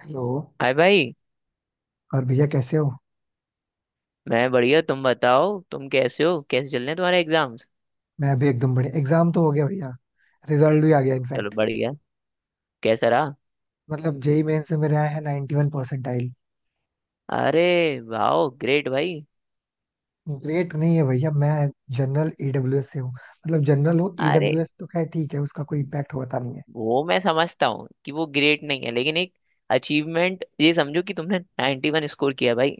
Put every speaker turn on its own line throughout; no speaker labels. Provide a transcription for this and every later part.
Hello.
Hi भाई।
और भैया कैसे हो?
मैं बढ़िया। तुम बताओ, तुम कैसे हो? कैसे चल रहे हैं तुम्हारे एग्जाम्स?
मैं अभी एकदम बढ़िया। एग्जाम तो हो गया भैया। रिजल्ट भी आ गया
चलो
इनफैक्ट।
बढ़िया। कैसा रहा?
मतलब जेई मेन से मेरे आए हैं 91 परसेंटाइल।
अरे वाह, ग्रेट भाई।
ग्रेट नहीं है भैया। मैं जनरल ईडब्ल्यूएस से हूँ, मतलब जनरल हूँ।
अरे,
ईडब्ल्यूएस तो खैर ठीक है, उसका कोई इम्पैक्ट होता नहीं है।
वो मैं समझता हूँ कि वो ग्रेट नहीं है, लेकिन एक अचीवमेंट ये समझो कि तुमने 91 स्कोर किया भाई।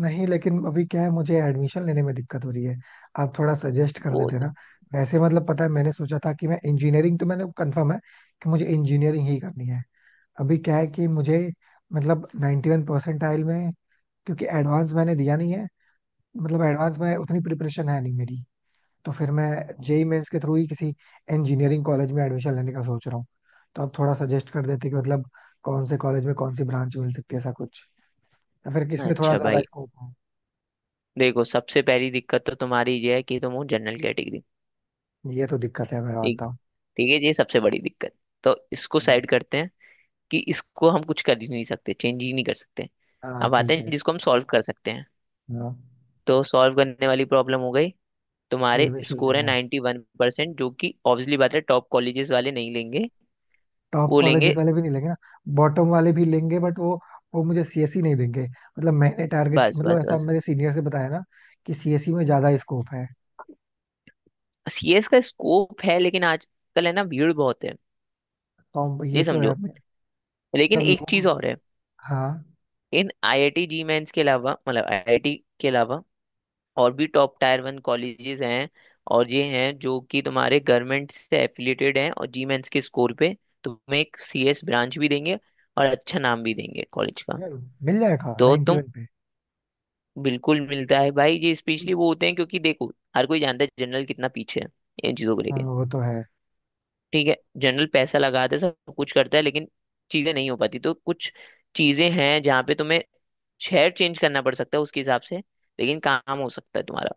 नहीं, लेकिन अभी क्या है, मुझे एडमिशन लेने में दिक्कत हो रही है। आप थोड़ा सजेस्ट कर
वो
देते ना।
तो।
वैसे मतलब पता है, मैंने सोचा था कि मैं इंजीनियरिंग, तो मैंने कंफर्म है कि मुझे इंजीनियरिंग ही करनी है। अभी क्या है कि मुझे, मतलब 91 परसेंटाइल में, क्योंकि एडवांस मैंने दिया नहीं है, मतलब एडवांस में उतनी प्रिपरेशन है नहीं मेरी। तो फिर मैं जेई मेंस के थ्रू ही किसी इंजीनियरिंग कॉलेज में एडमिशन लेने का सोच रहा हूँ। तो आप थोड़ा सजेस्ट कर देते कि मतलब कौन से कॉलेज में कौन सी ब्रांच मिल सकती है, ऐसा कुछ, या फिर किसमें थोड़ा
अच्छा
ज्यादा
भाई,
स्कोप है?
देखो सबसे पहली दिक्कत तो तुम्हारी ये है कि तुम हो जनरल कैटेगरी।
ये तो दिक्कत है, मैं
ठीक।
मानता हूँ।
ठीक है, ये सबसे बड़ी दिक्कत। तो इसको साइड करते हैं कि इसको हम कुछ कर ही नहीं सकते, चेंज ही नहीं कर सकते।
हाँ,
अब आते
ठीक
हैं
है।
जिसको हम सॉल्व कर सकते हैं।
हाँ।
तो सॉल्व करने वाली प्रॉब्लम हो गई। तुम्हारे
एडमिशन
स्कोर है
लेना है।
91% वन परसेंट, जो कि ऑब्वियसली बात है, टॉप कॉलेजेस वाले नहीं लेंगे।
टॉप
वो
कॉलेजेस
लेंगे।
वाले भी नहीं लेंगे ना? बॉटम वाले भी लेंगे, बट वो मुझे सीएसई नहीं देंगे, मतलब मैंने टारगेट,
बस,
मतलब
बस,
ऐसा
बस।
मेरे सीनियर से बताया ना कि सीएसई में ज्यादा स्कोप है।
सीएस का स्कोप है, लेकिन आजकल है ना, भीड़ बहुत है।
तो
ये
ये तो है
समझो। लेकिन
मतलब
एक चीज
लोग।
और है।
हाँ।
इन आईआईटी जी मेंस के अलावा, मतलब आईआईटी के अलावा और भी टॉप टायर वन कॉलेजेस हैं। और ये हैं जो कि तुम्हारे गवर्नमेंट से एफिलिएटेड हैं, और जी मेंस के स्कोर पे तुम्हें एक सीएस ब्रांच भी देंगे और अच्छा नाम भी देंगे कॉलेज का।
यार, मिल जाएगा
तो तुम।
91 पे?
बिल्कुल मिलता है भाई, ये स्पेशली वो होते हैं, क्योंकि देखो हर कोई जानता है जनरल कितना पीछे है इन चीजों को
हाँ,
लेके।
वो तो है।
ठीक है, जनरल पैसा लगाता है सब कुछ करता है, लेकिन चीजें नहीं हो पाती। तो कुछ चीजें हैं जहाँ पे तुम्हें शहर चेंज करना पड़ सकता है उसके हिसाब से, लेकिन काम हो सकता है तुम्हारा।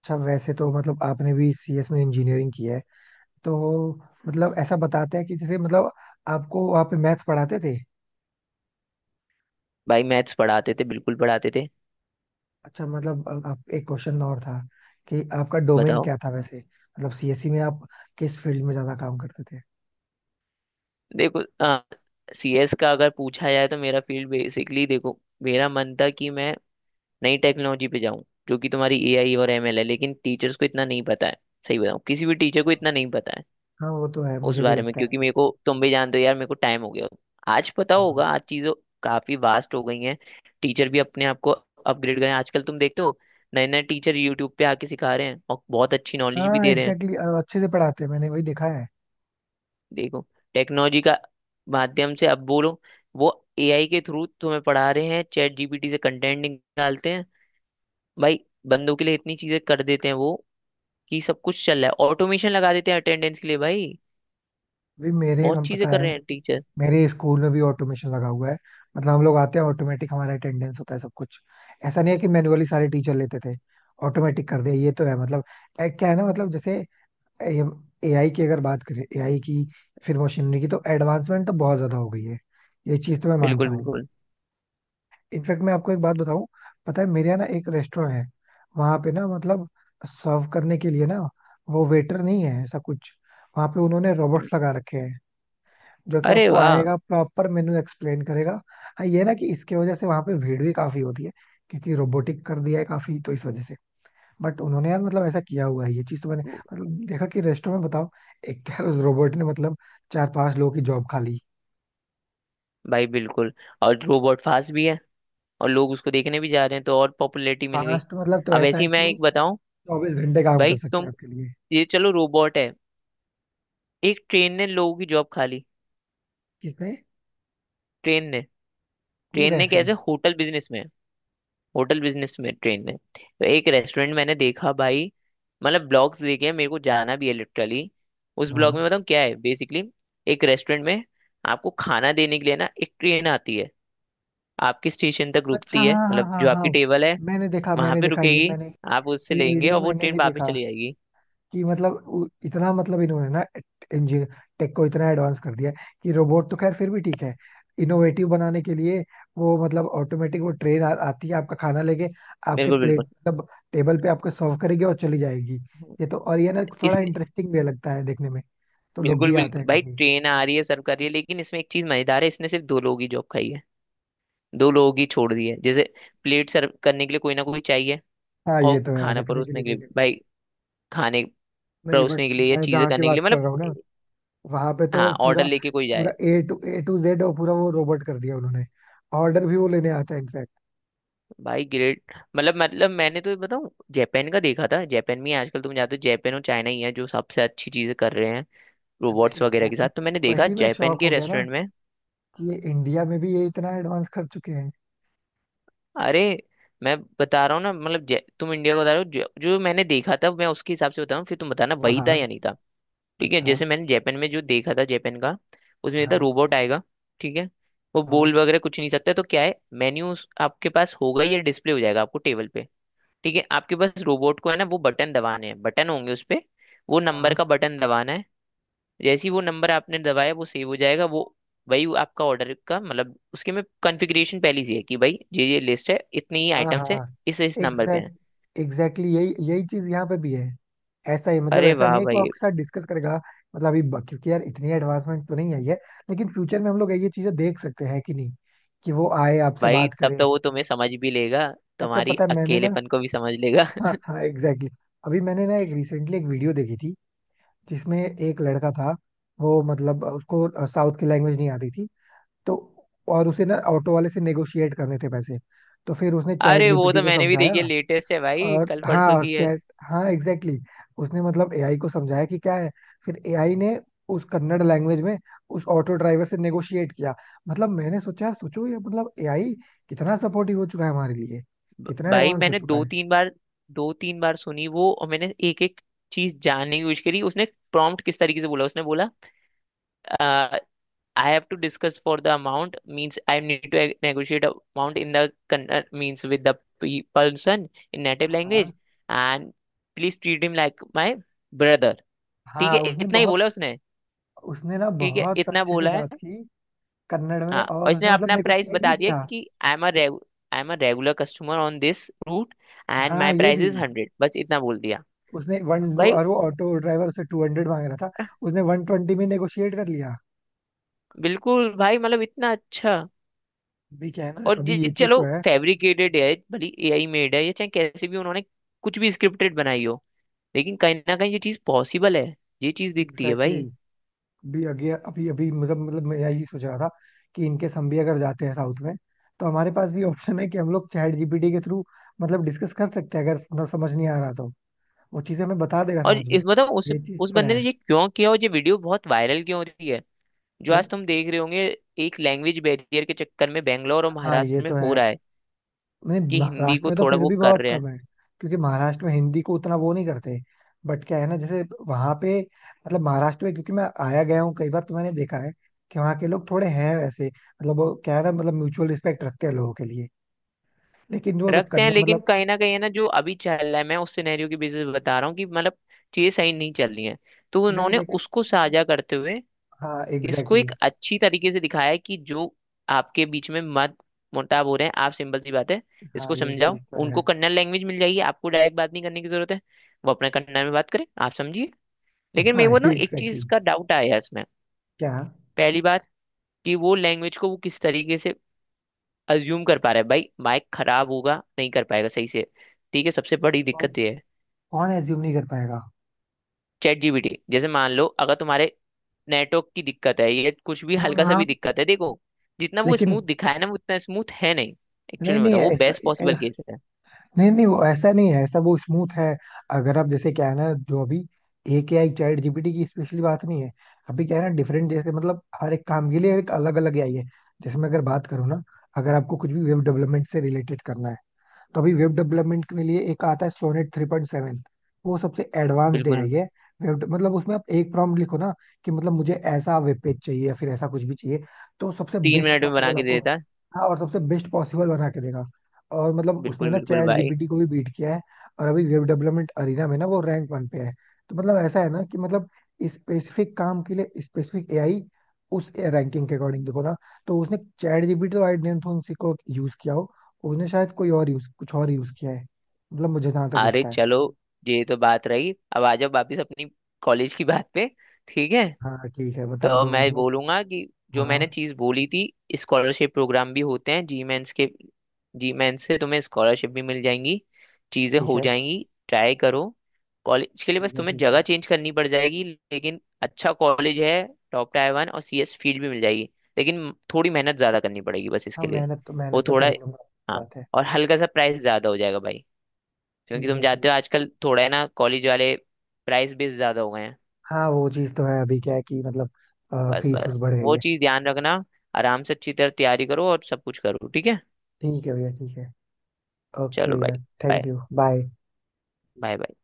अच्छा, वैसे तो मतलब आपने भी सीएस में इंजीनियरिंग की है तो, मतलब ऐसा बताते हैं कि जैसे, मतलब आपको वहाँ पे मैथ्स पढ़ाते थे?
भाई मैथ्स पढ़ाते थे, बिल्कुल पढ़ाते थे।
अच्छा, मतलब आप, एक क्वेश्चन और था कि आपका डोमेन
बताओ।
क्या था वैसे, मतलब सीएससी में आप किस फील्ड में ज्यादा काम करते थे?
देखो, सीएस का अगर पूछा जाए तो मेरा फील्ड बेसिकली, देखो मेरा मन था कि मैं नई टेक्नोलॉजी पे जाऊं, जो कि तुम्हारी एआई और एमएल है, लेकिन टीचर्स को इतना नहीं पता है। सही बताऊं, किसी भी टीचर को इतना नहीं पता है
हाँ, वो तो है,
उस
मुझे भी
बारे में,
लगता है
क्योंकि
ऐसा।
मेरे को, तुम भी जानते हो यार, मेरे को टाइम हो गया। आज पता होगा, आज चीज़ों काफी वास्ट हो गई हैं। टीचर भी अपने आप को अपग्रेड करें। आजकल तुम देखते हो, नए नए टीचर यूट्यूब पे आके सिखा रहे हैं और बहुत अच्छी नॉलेज भी
हाँ
दे रहे हैं।
एग्जैक्टली exactly, अच्छे से पढ़ाते हैं, मैंने वही देखा है।
देखो, टेक्नोलॉजी का माध्यम से अब बोलो, वो एआई के थ्रू तुम्हें पढ़ा रहे हैं, चैट जीपीटी से कंटेंट निकालते हैं भाई। बंदों के लिए इतनी चीजें कर देते हैं वो, कि सब कुछ चल रहा है, ऑटोमेशन लगा देते हैं अटेंडेंस के लिए भाई।
भी मेरे
बहुत
हम
चीजें
पता
कर
है,
रहे हैं टीचर।
मेरे स्कूल में भी ऑटोमेशन लगा हुआ है। मतलब हम लोग आते हैं, ऑटोमेटिक हमारा अटेंडेंस होता है, सब कुछ। ऐसा नहीं है कि मैनुअली सारे टीचर लेते थे, ऑटोमेटिक कर दिया। ये तो है मतलब। ए, क्या है ना, मतलब जैसे एआई की अगर बात करें, एआई की फिर मशीनरी की, तो एडवांसमेंट तो बहुत ज्यादा हो गई है। ये चीज तो मैं
बिल्कुल,
मानता हूँ।
बिल्कुल।
इनफैक्ट मैं आपको एक बात बताऊँ। पता है, मेरे यहाँ ना एक रेस्टोरेंट है। वहां पे ना मतलब सर्व करने के लिए ना, वो वेटर नहीं है, ऐसा कुछ। वहां पे उन्होंने
हम्म।
रोबोट्स लगा रखे हैं जो कि
अरे
आपको
वाह
आएगा, प्रॉपर मेनू एक्सप्लेन करेगा। हाँ ये ना, कि इसके वजह से वहां पे भीड़ भी काफी होती है क्योंकि रोबोटिक कर दिया है काफी, तो इस वजह से। बट उन्होंने यार, मतलब ऐसा किया हुआ है, ये चीज तो मैंने मतलब देखा कि रेस्टोरेंट में। बताओ, एक यार, उस रोबोट ने मतलब चार पांच लोगों की जॉब खा ली।
भाई। बिल्कुल, और रोबोट फास्ट भी है, और लोग उसको देखने भी जा रहे हैं तो और पॉपुलैरिटी मिल गई।
पांच तो मतलब, तो
अब
ऐसा
ऐसे ही
है कि
मैं
वो
एक बताऊं।
24 घंटे काम
भाई
कर सकते
तुम।
हैं आपके लिए।
ये चलो, रोबोट है। एक ट्रेन ने लोगों की जॉब खा ली।
किसने?
ट्रेन ने।
वो
ट्रेन ने
कैसे?
कैसे? होटल बिजनेस में। होटल बिजनेस में ट्रेन है, तो एक रेस्टोरेंट मैंने देखा भाई, मतलब ब्लॉग्स देखे हैं, मेरे को जाना भी है लिटरली। उस ब्लॉग
हाँ।
में बताऊँ क्या है बेसिकली। एक रेस्टोरेंट में आपको खाना देने के लिए ना, एक ट्रेन आती है, आपके स्टेशन तक
अच्छा,
रुकती है,
हाँ हाँ
मतलब
हाँ
जो
हाँ।
आपकी टेबल है
मैंने देखा,
वहां
मैंने
पे
देखा ये,
रुकेगी।
मैंने,
आप उससे
ये
लेंगे
वीडियो
और वो
मैंने
ट्रेन
भी
वापस
देखा
चली जाएगी।
कि मतलब इतना, मतलब इन्होंने ना इंजीनियर टेक को इतना एडवांस कर दिया है कि रोबोट तो खैर फिर भी ठीक है, इनोवेटिव बनाने के लिए। वो मतलब ऑटोमेटिक वो ट्रेन आती है, आपका खाना लेके आपके
बिल्कुल,
प्लेट,
बिल्कुल।
मतलब टेबल पे आपको सर्व करेगी और चली जाएगी। ये तो, और ये ना थोड़ा
इसने।
इंटरेस्टिंग भी लगता है देखने में, तो लोग
बिल्कुल
भी आते
बिल्कुल
हैं
भाई,
काफी।
ट्रेन आ रही है सर्व कर रही है, लेकिन इसमें एक चीज मजेदार है, इसने सिर्फ दो लोगों की जॉब खाई है। दो लोगों की छोड़ दी है, जैसे प्लेट सर्व करने के लिए कोई ना कोई चाहिए,
हाँ ये
और
तो है,
खाना
रखने के
परोसने
लिए
के
कोई
लिए
नहीं।
भाई। खाने
नहीं, बट
परोसने के लिए या
मैं
चीजें
जहाँ की
करने के लिए
बात कर
मतलब
रहा हूँ ना, वहां पे
हाँ,
तो
ऑर्डर
पूरा,
लेके कोई जाए।
पूरा ए टू जेड और पूरा वो रोबोट कर दिया उन्होंने, ऑर्डर भी वो लेने आता है।
भाई ग्रेट। मतलब मैंने तो बताऊँ, जापान का देखा था, जापान में ही आजकल तुम जाते हो, जापान और चाइना ही है जो सबसे अच्छी चीजें कर रहे हैं
नहीं
रोबोट्स वगैरह के
मैंने,
साथ। तो मैंने देखा
वही मैं
जापान
शौक
के
हो गया ना,
रेस्टोरेंट में।
कि ये इंडिया में भी ये इतना एडवांस कर चुके हैं।
अरे, मैं बता रहा हूँ ना, मतलब तुम इंडिया को बता रहे हो, जो मैंने देखा था मैं उसके हिसाब से बता रहा हूँ, फिर तुम बताना
हाँ
वही था
हाँ।
या नहीं था। ठीक है,
अच्छा,
जैसे मैंने जापान में जो देखा था जापान का, उसमें था
हाँ
रोबोट आएगा। ठीक है, वो
हाँ
बोल वगैरह कुछ नहीं सकता, तो क्या है, मेन्यू आपके पास होगा या डिस्प्ले हो जाएगा आपको टेबल पे। ठीक है, आपके पास रोबोट को है ना, वो बटन दबाने हैं, बटन होंगे उस पे, वो
हाँ
नंबर का बटन दबाना है। जैसे ही वो नंबर आपने दबाया वो सेव हो जाएगा, वो वही, वो आपका ऑर्डर का मतलब, उसके में कॉन्फ़िगरेशन पहले से है कि भाई ये लिस्ट है, इतनी ही
हाँ।
आइटम्स है,
हाँ
इस नंबर पे है।
एग्जैक्टली यही यही चीज यहाँ पे भी है। ऐसा ही, मतलब
अरे
ऐसा
वाह
नहीं है कि वो
भाई।
आपके साथ डिस्कस करेगा। मतलब अभी क्योंकि यार, इतनी एडवांसमेंट तो नहीं आई है, लेकिन फ्यूचर में हम लोग ये चीजें देख सकते हैं कि नहीं, कि वो आए आपसे
भाई
बात
तब
करे?
तो वो तुम्हें समझ भी लेगा,
अच्छा
तुम्हारी
पता है, मैंने ना,
अकेलेपन को भी समझ लेगा।
हाँ हाँ एग्जैक्टली। अभी मैंने ना, एक रिसेंटली एक वीडियो देखी थी जिसमें एक लड़का था। वो मतलब उसको साउथ की लैंग्वेज नहीं आती थी, तो और उसे ना ऑटो वाले से नेगोशिएट करने थे पैसे। तो फिर उसने चैट
अरे, वो
जीपीटी
तो
को
मैंने भी
समझाया।
देखी है, लेटेस्ट है भाई,
और
कल
हाँ,
परसों
और
की है।
चैट, हाँ एग्जैक्टली exactly, उसने मतलब एआई को समझाया कि क्या है। फिर एआई ने उस कन्नड़ लैंग्वेज में उस ऑटो ड्राइवर से नेगोशिएट किया। मतलब मैंने सोचा यार, सोचो ये, मतलब एआई कितना सपोर्टिव हो चुका है हमारे लिए, कितना
भाई
एडवांस हो
मैंने
चुका
दो
है।
तीन बार दो तीन बार सुनी वो, और मैंने एक एक चीज जानने की कोशिश करी। उसने प्रॉम्प्ट किस तरीके से बोला? उसने बोला, I have to discuss for the amount means I need to negotiate amount in the means with the person in native
हाँ
language and please treat him like my brother. ठीक
हाँ।
है,
उसने
इतना ही
बहुत,
बोला उसने।
उसने ना
ठीक है,
बहुत
इतना
अच्छे से
बोला है।
बात की कन्नड़ में,
हाँ, और
और
इसने
उसने मतलब
अपना प्राइस
नेगोशिएट भी
बता दिया
किया।
कि I am a regular customer on this route and
हाँ,
माई
ये
प्राइस
भी।
इज 100, बस इतना बोल दिया।
उसने वन,
भाई
और वो ऑटो ड्राइवर उससे 200 मांग रहा था, उसने 120 में नेगोशिएट कर लिया।
बिल्कुल, भाई मतलब इतना अच्छा।
अभी क्या है ना,
और
अभी
ये
ये चीज तो
चलो
है।
फैब्रिकेटेड है, भली एआई मेड है, या चाहे कैसे भी उन्होंने कुछ भी स्क्रिप्टेड बनाई हो, लेकिन कहीं ना कहीं ये चीज पॉसिबल है, ये चीज दिखती है
एग्जैक्टली
भाई।
exactly. अभी अभी अभी अभी मतलब मैं यही सोच रहा था कि इनकेस हम भी अगर जाते हैं साउथ में, तो हमारे पास भी ऑप्शन है कि हम लोग चैट जीपीटी के थ्रू मतलब डिस्कस कर सकते हैं, अगर ना समझ नहीं आ रहा तो वो चीजें हमें बता देगा
और
समझ में।
इस मतलब
ये चीज
उस
तो
बंदे ने
है।
ये क्यों किया? और ये वीडियो बहुत वायरल क्यों हो रही है, जो
क्यों?
आज तुम देख रहे होंगे? एक लैंग्वेज बैरियर के चक्कर में बेंगलोर और
हाँ, ये
महाराष्ट्र में
तो
हो
है।
रहा है
नहीं,
कि हिंदी
महाराष्ट्र
को
में तो
थोड़ा
फिर
वो
भी
कर
बहुत
रहे हैं।
कम है क्योंकि महाराष्ट्र में हिंदी को उतना वो नहीं करते। बट क्या है ना जैसे, वहां पे, मतलब महाराष्ट्र में, क्योंकि मैं आया गया हूँ कई बार तो मैंने देखा है कि वहाँ के लोग थोड़े हैं वैसे, मतलब वो क्या है ना, मतलब म्यूचुअल रिस्पेक्ट रखते हैं लोगों के लिए, लेकिन वो तो
रखते हैं,
करना
लेकिन
मतलब।
कहीं ना कहीं है ना, जो अभी चल रहा है, मैं उस सिनेरियो की बेसिस पे बता रहा हूँ कि मतलब चीजें सही नहीं चल रही हैं। तो
नहीं
उन्होंने
लेकिन,
उसको साझा करते हुए
हाँ
इसको
एग्जैक्टली exactly,
एक अच्छी तरीके से दिखाया है कि जो आपके बीच में मत मुटाव हो रहे हैं आप, सिंपल सी बात है,
हाँ
इसको
ये
समझाओ
चीज तो है।
उनको कन्नड़ लैंग्वेज मिल जाएगी, आपको डायरेक्ट बात नहीं करने की जरूरत है। वो अपने कन्नड़ में बात करें, आप समझिए। लेकिन
हाँ
मेरे को ना एक
एग्जैक्टली
चीज
exactly,
का डाउट आया इसमें।
क्या?
पहली बात, कि वो लैंग्वेज को वो किस तरीके से अज्यूम कर पा रहा है भाई, माइक खराब होगा, नहीं कर पाएगा सही से। ठीक है, सबसे बड़ी
तो
दिक्कत ये है।
कौन एज्यूम नहीं कर पाएगा?
चैट जीपीटी जैसे मान लो अगर तुम्हारे नेटवर्क की दिक्कत है, ये कुछ भी
हाँ
हल्का सा
हाँ।
भी दिक्कत है देखो। जितना वो
लेकिन,
स्मूथ दिखाया ना, वो उतना स्मूथ है नहीं।
नहीं
एक्चुअली मैं
नहीं
बताऊँ, वो
ऐसा,
बेस्ट पॉसिबल केस है।
नहीं नहीं, वो ऐसा नहीं है, ऐसा वो स्मूथ है। अगर आप जैसे, क्या है ना, जो अभी एक एआई चैट जीपीटी की स्पेशली बात नहीं है। अभी क्या है ना, डिफरेंट, जैसे मतलब हर एक काम के लिए एक अलग अलग एआई है। जैसे मैं अगर बात करूँ ना, अगर आपको कुछ भी वेब डेवलपमेंट से रिलेटेड करना है, तो अभी वेब डेवलपमेंट के लिए एक आता है, सोनेट 3.7। वो सबसे एडवांस्ड है
बिल्कुल।
ये। वेब, मतलब उसमें आप एक प्रॉम्प्ट लिखो ना कि मतलब मुझे ऐसा वेब पेज चाहिए, या फिर ऐसा कुछ भी चाहिए, तो सबसे
तीन
बेस्ट
मिनट में बना
पॉसिबल
के दे
आपको,
देता।
हाँ, और सबसे बेस्ट पॉसिबल बना के देगा। और मतलब उसने
बिल्कुल
ना
बिल्कुल
चैट
भाई।
जीपीटी को भी बीट किया है। और अभी वेब डेवलपमेंट अरीना में ना वो रैंक वन पे है। तो मतलब ऐसा है ना कि मतलब स्पेसिफिक काम के लिए स्पेसिफिक एआई, उस रैंकिंग के अकॉर्डिंग देखो ना। तो उसने चैट जीपीटी तो, आई डोंट थिंक, यूज किया हो। उसने शायद कोई और यूज, कुछ और यूज किया है, मतलब मुझे जहां तक
अरे
लगता है।
चलो, ये तो बात रही, अब आ जाओ वापिस अपनी कॉलेज की बात पे। ठीक है।
हाँ ठीक है, बता
तो
दो
मैं
मतलब।
बोलूंगा कि जो
हाँ,
मैंने चीज बोली थी, स्कॉलरशिप प्रोग्राम भी होते हैं जी मेंस के। जी मेंस से तुम्हें स्कॉलरशिप भी मिल जाएंगी, चीजें
ठीक
हो
है,
जाएंगी, ट्राई करो। कॉलेज के लिए बस
ठीक है
तुम्हें
ठीक है।
जगह चेंज करनी पड़ जाएगी। लेकिन अच्छा कॉलेज है, टॉप टायर वन, और सीएस फील्ड भी मिल जाएगी, लेकिन थोड़ी मेहनत ज्यादा करनी पड़ेगी बस
हाँ
इसके लिए।
मेहनत तो,
वो
मेहनत तो कर
थोड़ा।
ही लूंगा।
हाँ,
बात है।
और हल्का सा प्राइस ज्यादा हो जाएगा भाई, क्योंकि
ठीक
तुम
है,
जानते
ठीक।
हो आजकल थोड़ा है ना, कॉलेज वाले प्राइस भी ज्यादा हो गए हैं।
हाँ वो चीज तो है, अभी क्या है कि मतलब
बस
फीस उस
बस,
बढ़ गई
वो
है।
चीज ध्यान रखना। आराम से अच्छी तरह तैयारी करो और सब कुछ करो, ठीक है।
ठीक है भैया, ठीक है। ओके
चलो
भैया।
भाई। Bye,
thank you, bye.
Bye, bye.